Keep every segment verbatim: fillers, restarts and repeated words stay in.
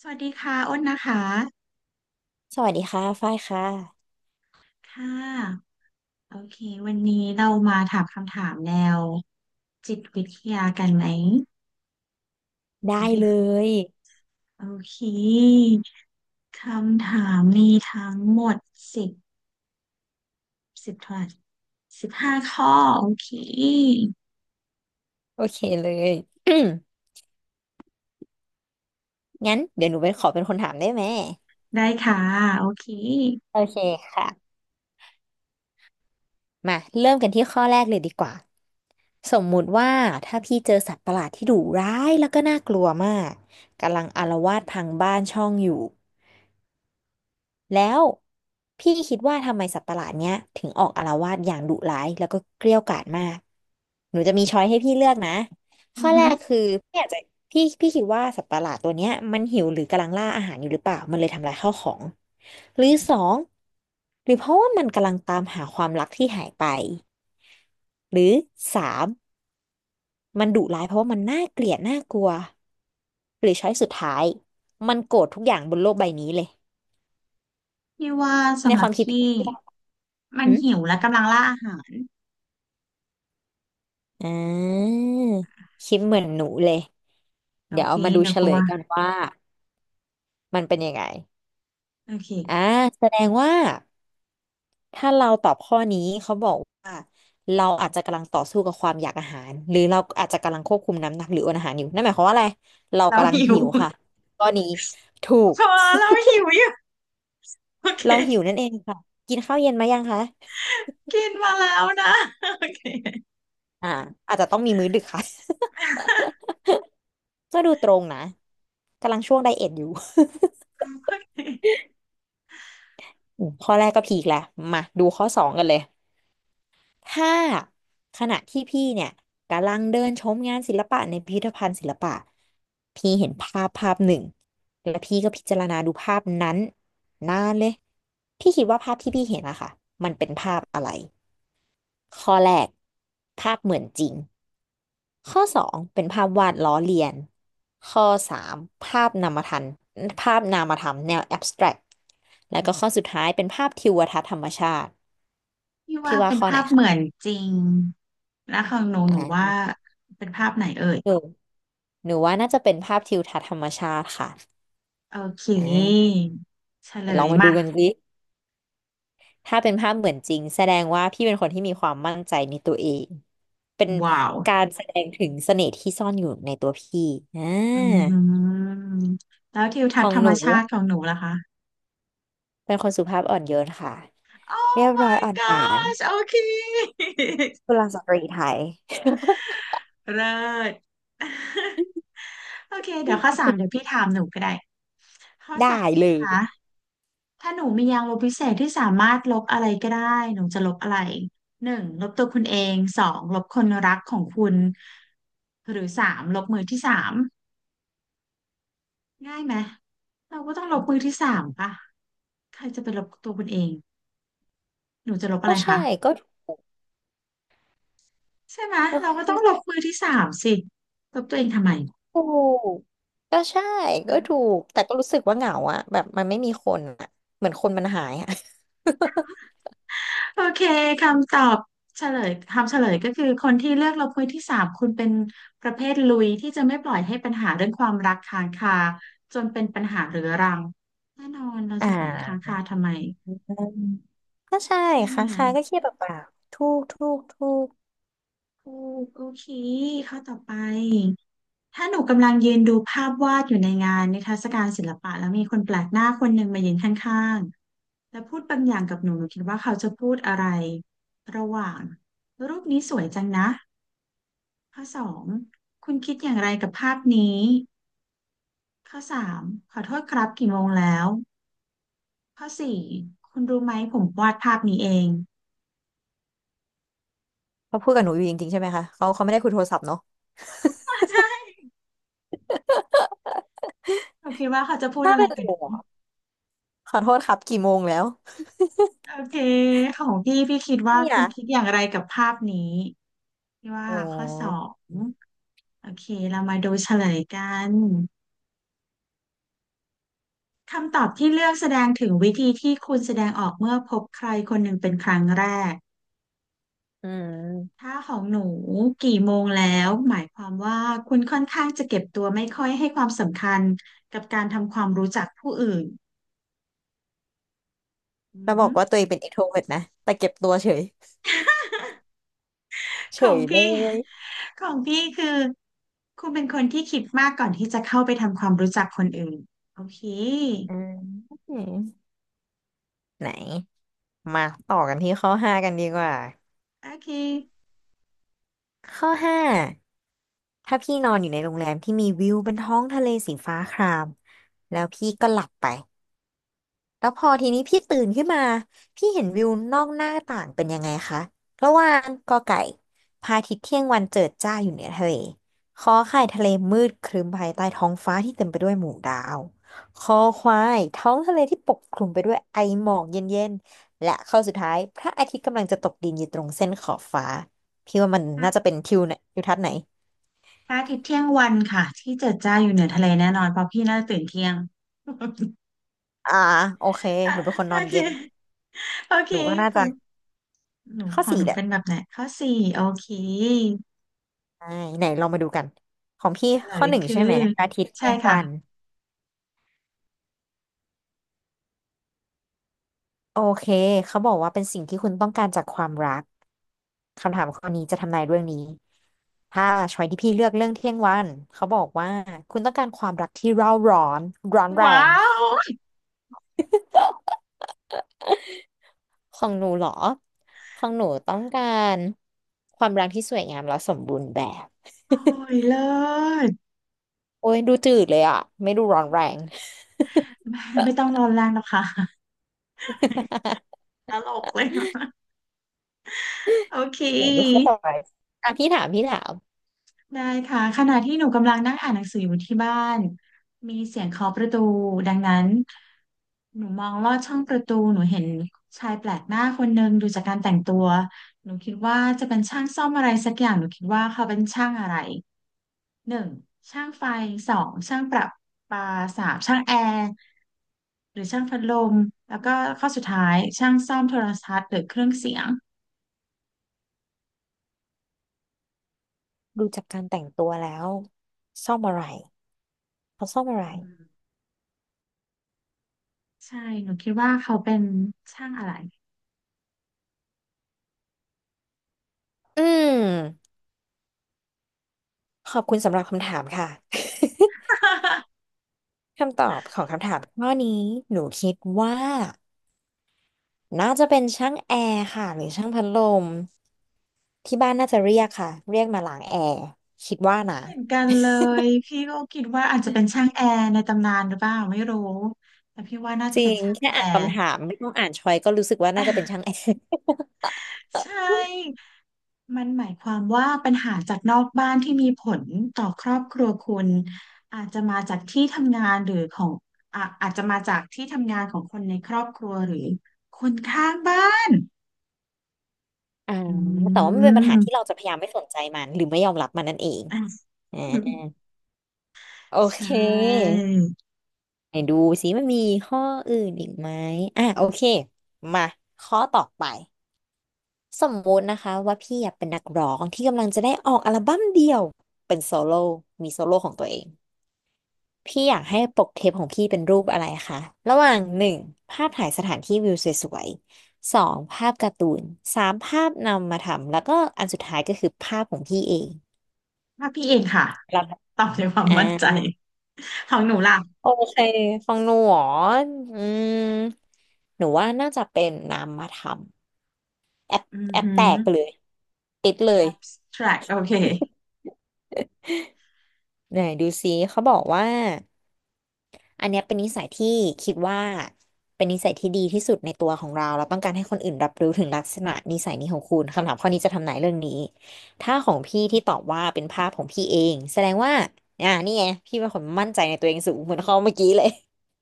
สวัสดีค่ะอ้นนะคะสวัสดีค่ะฝ้ายค่ะ ค่ะโอเควันนี้เรามาถามคำถามแนวจิตวิทยากันไหมได้อันที่เลย โอเคคำถามมีทั้งหมดสิบสิบเท่าไหร่สิบห้าข้อ โอเค โอเคเลย อืมงั้นเดี๋ยวหนูเป็นขอเป็นคนถามได้ไหม ได้ค่ะ โอเคโอเคค่ะ มาเริ่มกันที่ข้อแรกเลยดีกว่า สมมุติว่าถ้าพี่เจอสัตว์ประหลาดที่ดุร้ายแล้วก็น่ากลัวมากกำลังอาละวาดพังบ้านช่องอยู่ แล้วพี่คิดว่าทำไมสัตว์ประหลาดเนี้ยถึงออกอาละวาดอย่างดุร้ายแล้วก็เกรี้ยวกราดมากหนูจะมีช้อยให้พี่เลือกนะอืข้ออแรฮึกคือพี่อาจจะพี่พี่คิดว่าสัตว์ประหลาดตัวเนี้ยมันหิวหรือกำลังล่าอาหารอยู่หรือเปล่ามันเลยทำลายข้าวของหรือสองหรือเพราะว่ามันกำลังตามหาความรักที่หายไปหรือสามมันดุร้ายเพราะว่ามันน่าเกลียดน่ากลัวหรือช้อยสุดท้ายมันโกรธทุกอย่างบนโลกใบนี้เลยพี่ว่าในสำหครับวามคิดพี่พี่คิดว่า มันหิวและกำลังล่าอาหาร อ่าคิดเหมือนหนูเลยโอเดี๋ยวเคเอามาดูหนูเฉกลลัวยกันว่ามันเป็นยังไงโอเค อ่าแสดงว่าถ้าเราตอบข้อนี้เขาบอกว่าเราอาจจะกำลังต่อสู้กับความอยากอาหารหรือเราอาจจะกำลังควบคุมน้ำหนักหรืออดอาหารอยู่นั่นหมายความว่าอะไรเราเรากำลังหิว หิ วค่ะข้อนี้ถูก เพราะว่าเราหิวอยู่ โอเค เราหิวนั่นเองค่ะกินข้าวเย็นมายังคะกินมาแล้วนะโอเคอ่าอาจจะต้องมีมื้อดึกค่ะ ก็ดูตรงนะกำลังช่วงไดเอทอยู่ โอเค อืมข้อแรกก็พีคแล้วมาดูข้อสองกันเลย ถ้าขณะที่พี่เนี่ยกำลังเดินชมงานศิลปะในพิพิธภัณฑ์ศิลปะพี่เห็นภาพภาพหนึ่งแล้วพี่ก็พิจารณาดูภาพนั้นนานเลยพี่คิดว่าภาพที่พี่เห็นอะค่ะมันเป็นภาพอะไรข้อแรกภาพเหมือนจริงข้อสองเป็นภาพวาดล้อเลียนข้อสามภาพนามธรรมภาพนามธรรมแนวแอบสแตรกแล้วก็ข้อสุดท้ายเป็นภาพทิวทัศน์ธรรมชาติพี่พี่ว่าว่าเป็นข้อไหภานพเหคะมือนจริงแล้วของหนูอหนูว่า่เป็นภาพไหนเอ่ยา หนูว่าน่าจะเป็นภาพทิวทัศน์ธรรมชาติค่ะโอเคอ่าเฉลเดี๋ยวลอยงมาดูมากันสิถ้าเป็นภาพเหมือนจริงแสดงว่าพี่เป็นคนที่มีความมั่นใจในตัวเอง เป็นว้าวการแสดงถึงเสน่ห์ที่ซ่อนอยู่ในตัวพี่อ่อืามแล้วทิวขทัศอน์งธรรหมนูชาติของหนูล่ะคะเป็นคนสุภาพอ่อนโยนค่ะโอ้ เรียบร้อย my อ่อนหวาน gosh โอเคกุลสตรีไทย เลิศ โอเคเดี๋ยวข้อสามเดี๋ยวพี่ถามหนูก็ได้ข้อได้สามเลนะคะ ยถ้าหนูมียางลบพิเศษที่สามารถลบอะไรก็ได้หนูจะลบอะไรหนึ่งลบตัวคุณเองสองลบคนรักของคุณหรือสามลบมือที่สามง่ายไหมเราก็ต้องลบมือที่สามป่ะใครจะไปลบตัวคุณเองหนูจะลบอะก็ไรใช่คะก็ใช่ไหมโอ้เรายก็ต้องมันลบมือที่สามสิลบตัวเองทำไม ถูกก็ใช่ก็ถูกแต่ก็รู้สึกว่าเหงาอะแบบมันไม่มีคนอะเหมือนคนมันหายอะ โอเคคำตอบเฉลยคำเฉลยก็คือคนที่เลือกลบมือที่สามคุณเป็นประเภทลุยที่จะไม่ปล่อยให้ปัญหาเรื่องความรักค้างคาจนเป็นปัญหาเรื้อรังแน่นอนเราอ่จะปล่อยให้ค้างาคาทำไมก็ใช่ใช่ไหมค้างคาก็เครียดเปล่าๆถูกถูกถูกถูกโอเคข้อต่อไปถ้าหนูกำลังยืนดูภาพวาดอยู่ในงานนิทรรศการศิลปะแล้วมีคนแปลกหน้าคนหนึ่งมายืนข้างๆแล้วพูดบางอย่างกับหนูหนูคิดว่าเขาจะพูดอะไรระหว่างรูปนี้สวยจังนะ ข้อสองคุณคิดอย่างไรกับภาพนี้ข้อสามขอโทษครับกี่โมงแล้วข้อสี่คุณรู้ไหมผมวาดภาพนี้เองเขาพูดกับหนูอยู่จริงๆใช่ไหมคะเขาเขาไม่ได้คุยโทรศัพท์เนาะมาใช่เราคิดว่าเขาจะพูดถ้าอะไรเป็นหกันหนูนูอะขอโทษครับกี่โมงแล้วโอเคของพี่พี่คิดว่าเนี่ยคุณคิดอย่างไรกับภาพนี้พี่ว่าอ๋อข้อสองโอเคเรามาดูเฉลยกันคำตอบที่เลือกแสดงถึงวิธีที่คุณแสดงออกเมื่อพบใครคนหนึ่งเป็นครั้งแรก อืมถ้าของหนูกี่โมงแล้วหมายความว่าคุณค่อนข้างจะเก็บตัวไม่ค่อยให้ความสำคัญกับการทำความรู้จักผู้อื่นอืแล้อวบฮึอกว่าตัวเองเป็น introvert นะแต่เก็บตัวเฉยขเฉองยเลพี่ ย ของพี่คือคุณเป็นคนที่คิดมากก่อนที่จะเข้าไปทำความรู้จักคนอื่นโอเคอืมไหนมาต่อกันที่ข้อห้ากันดีกว่าโอเคข้อห้าถ้าพี่นอนอยู่ในโรงแรมที่มีวิวบนท้องทะเลสีฟ้าครามแล้วพี่ก็หลับไป แล้วพอทีนี้พี่ตื่นขึ้นมาพี่เห็นวิวนอกหน้าต่างเป็นยังไงคะระหว่างกอไก่พระอาทิตย์เที่ยงวันเจิดจ้าอยู่เหนือทะเลขอไข่ทะเลมืดครึ้มภายใต้ท้องฟ้าที่เต็มไปด้วยหมู่ดาวคอควายท้องทะเลที่ปกคลุมไปด้วยไอหมอกเย็นๆและข้อสุดท้ายพระอาทิตย์กำลังจะตกดินอยู่ตรงเส้นขอบฟ้าพี่ว่ามันพระน่าจะเป็นทิวเนี่ยทิวทัศน์ไหนพระอาทิตย์เที่ยงวันค่ะที่เจิดจ้าอยู่เหนือทะเลแน่นอนเพราะพี่น่าจะตื่นเที่ยง อ่าโอเคอ่ะหนูเป็นคนโอนอนเคเย็นโอเคหนูก็น่าขอจะงหนูข้อของสี่หนูแหละ เป็นแบบไหนข้อสี่โอเค ใช่ไหนเรามาดูกันของพี่เฉลข้อยหนึ่งคือใช่ไหมอาทิตย์ใช่เที่ยงค่ะวันโอเคเขาบอกว่าเป็นสิ่งที่คุณต้องการจากความรักคำถามข้อนี้จะทำนายเรื่องนี้ถ้าช้อยที่พี่เลือกเรื่องเที่ยงวันเขาบอกว่าคุณต้องการความรักที่เร่าร้อนร้อนแรว้างวของหนูเหรอของหนูต้องการความรักที่สวยงามและสมบูรณ์แบบ โอ้ยเลิศโอ้ยดูจืดเลยอ่ะไม่ดูร้อนแรง ไม่ไม่ต้องนอนแรงหรอกค่ะ ตลกเลยนะโอเคไหนดูข้อต่อไปอ่ะพี่ถามพี่ถาม ได้ค่ะขณะที่หนูกำลังนั่งอ่านหนังสืออยู่ที่บ้านมีเสียงเคาะประตูดังนั้นหนูมองลอดช่องประตูหนูเห็นชายแปลกหน้าคนหนึ่งดูจากการแต่งตัวหนูคิดว่าจะเป็นช่างซ่อมอะไรสักอย่างหนูคิดว่าเขาเป็นช่างอะไรหนึ่งช่างไฟสองช่างประปาสามช่างแอร์ หรือช่างพัดลมแล้วก็ข้อสุดท้ายช่างซ่อมโทรทัศน์หรือเครื่องเสียงดูจากการแต่งตัวแล้วซ่อมอะไรเขาซ่อมอะไรอืมใช่หนูคิดว่าเขาเป็นช่างอะไร อืมขอบคุณสำหรับคำถามค่ะ คำตอบของคำถามข้อนี้หนูคิดว่าน่าจะเป็นช่างแอร์ค่ะหรือช่างพัดลมที่บ้านน่าจะเรียกค่ะเรียกมาล้างแอร์คิดว่านะเหมือนกันเลยพี่ก็คิดว่าอาจจะเป็นช่างแอร์ในตำนานหรือเปล่าไม่รู้แต่พี่ว่าน่าจจะริเป็นงช่างแค่แออ่านร์ คำถามไม่ต้องอ่านชอยก็รู้สึกว่าน่าจะเป็น ช่างแอร์ ใช่ มันหมายความว่าปัญหาจากนอกบ้านที่มีผลต่อครอบครัวคุณอาจจะมาจากที่ทำงานหรือของอ่ะอาจจะมาจากที่ทำงานของคนในครอบครัวหรือคนข้างบ้าน อ่าอืแต่ว่ามันเป็นปัญหาที่เราม จะพยายามไม่สนใจมันหรือไม่ยอมรับมันนั่นเอง อ่ะอ่าโอใช่เค ไหนดูสิมันมีข้ออื่นอีกไหมอ่ะโอเคมาข้อต่อไปสมมุตินะคะว่าพี่อยากเป็นนักร้องที่กำลังจะได้ออกอัลบั้มเดี่ยวเป็นโซโล่มีโซโล่ของตัวเองพี่อยากให้ปกเทปของพี่เป็นรูปอะไรคะระหว่างหนึ่งภาพถ่ายสถานที่วิวสวยๆสองภาพการ์ตูนสามภาพนำมาทำแล้วก็อันสุดท้ายก็คือภาพของพี่เองว่าพี่เองค่ะแล้วตอบด้วยความอ่ามั่นใจของหนูล่ะโอเคฟังหนูหรออืมหนูว่าน่าจะเป็นนามธรรม แอปอือแอปหืแตอ กเลยติดเลย แอบสแตรกต์ โอเคไหนดูซิเขาบอกว่าอันเนี้ยเป็นนิสัยที่คิดว่าเป็นนิสัยที่ดีที่สุดในตัวของเราเราต้องการให้คนอื่นรับรู้ถึงลักษณะนิสัยนี้ของคุณคำถามข้อนี้จะทำนายเรื่องนี้ถ้าของพี่ที่ตอบว่าเป็นภาพของพี่เองแสดงว่าอ่านี่ไงพี่เป็นคนมั่นใจในตัวเองสูงเหมือนเขาเมื่อกี้เลย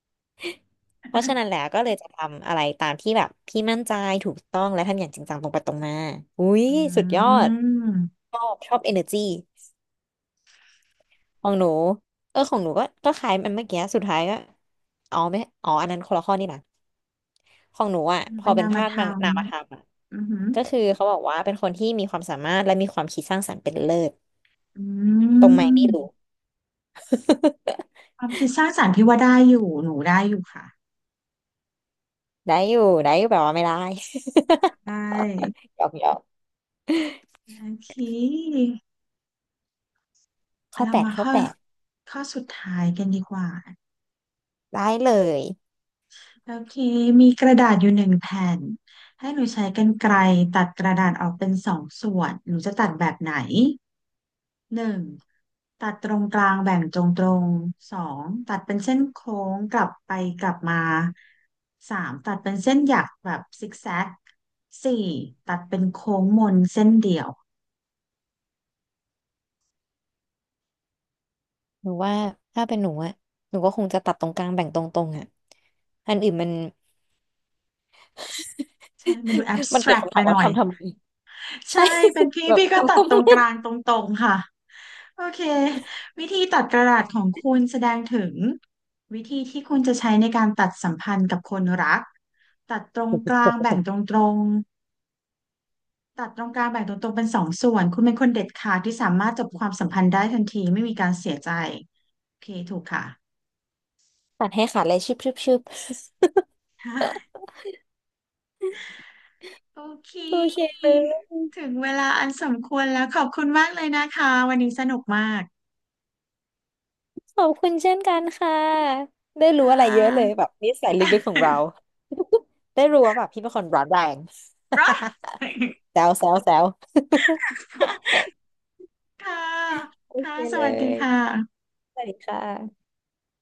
เพราะฉะนั้นแล้วก็เลยจะทำอะไรตามที่แบบพี่มั่นใจถูกต้องและทำอย่างจริงจังตรงไปตรงมาอุ้ยอืสุดยอดมชอบชอบ energy ของหนูเออของหนูก็ก็คล้ายมันเมื่อกี้สุดท้ายก็อ๋อไม่อ๋ออันนั้นคนละข้อนี่นะของหนูอ่ะพอเป็นเป็นานมภาพธรมันรมนามธรรมอ่ะอือหือ ก็คือเขาบอกว่าเป็นคนที่มีความสามารถและมีความคิดสร้างสรรค์เป็นเลิศอืตรงไหมไม่รู้ มความคิดสร้างสรรค์พี่ว่าได้อยู่หนูได้อยู่ค่ะ ได้อยู่ได้อยู่แบบว่าไม่ได้ ได้ หยอกหยอกโอเคข้อเราแปดมาข้อข้อแปดข้อสุดท้ายกันดีกว่าได้เลยโอเคมีกระดาษอยู่หนึ่งแผ่นให้หนูใช้กรรไกรตัดกระดาษออกเป็นสองส่วนหนูจะตัดแบบไหน หนึ่งตัดตรงกลางแบ่งตรงตรงสองตัดเป็นเส้นโค้งกลับไปกลับมาสามตัดเป็นเส้นหยักแบบซิกแซกสี่ตัดเป็นโค้งมนเส้นเดี่ยวหนูว่าถ้าเป็นหนูอ่ะหนูก็คงจะตัดตรงกลางแบ่งตรงๆอ่ะอันอื่นมัน ใช่มันดูแอบส มันแตรเกิดกคำไปถามหว่าน่อยทำทำไมใช่ใช่ เป็นพี่ แบบ พี่ ก็ตัทำดทำตรงไม กลางตรงตรงค่ะโอเควิธีตัดกระดาษของคุณแสดงถึงวิธีที่คุณจะใช้ในการตัดสัมพันธ์กับคนรักตัดตรงกลางแบ่งตรงตรง ตัดตรงกลางแบ่งตัวตรงเป็นสองส่วนคุณเป็นคนเด็ดขาดที่สามารถจบความสัมพันธ์ได้ทันทีไม่มีการเสียใจโอเคถูกค่ะ ตัดให้ขาดเลยชึบชึบชึบ โอเคโอเคเลยถึงเวลาอันสมควรแล้วขอบคุณมากเลยนะคะวันนี้สนุกมากขอบคุณเช่นกันค่ะได้รู้ค่อะไรเยอะเลยะ แบบนิสัยลึกๆของเรา ได้รู้ว่าแบบพี่เป็นคนร้อนแรง รอด แซวแซวแซว ค่ะ โอค่ะเคสเลวัสดียค่ะสวัสดีค่ะ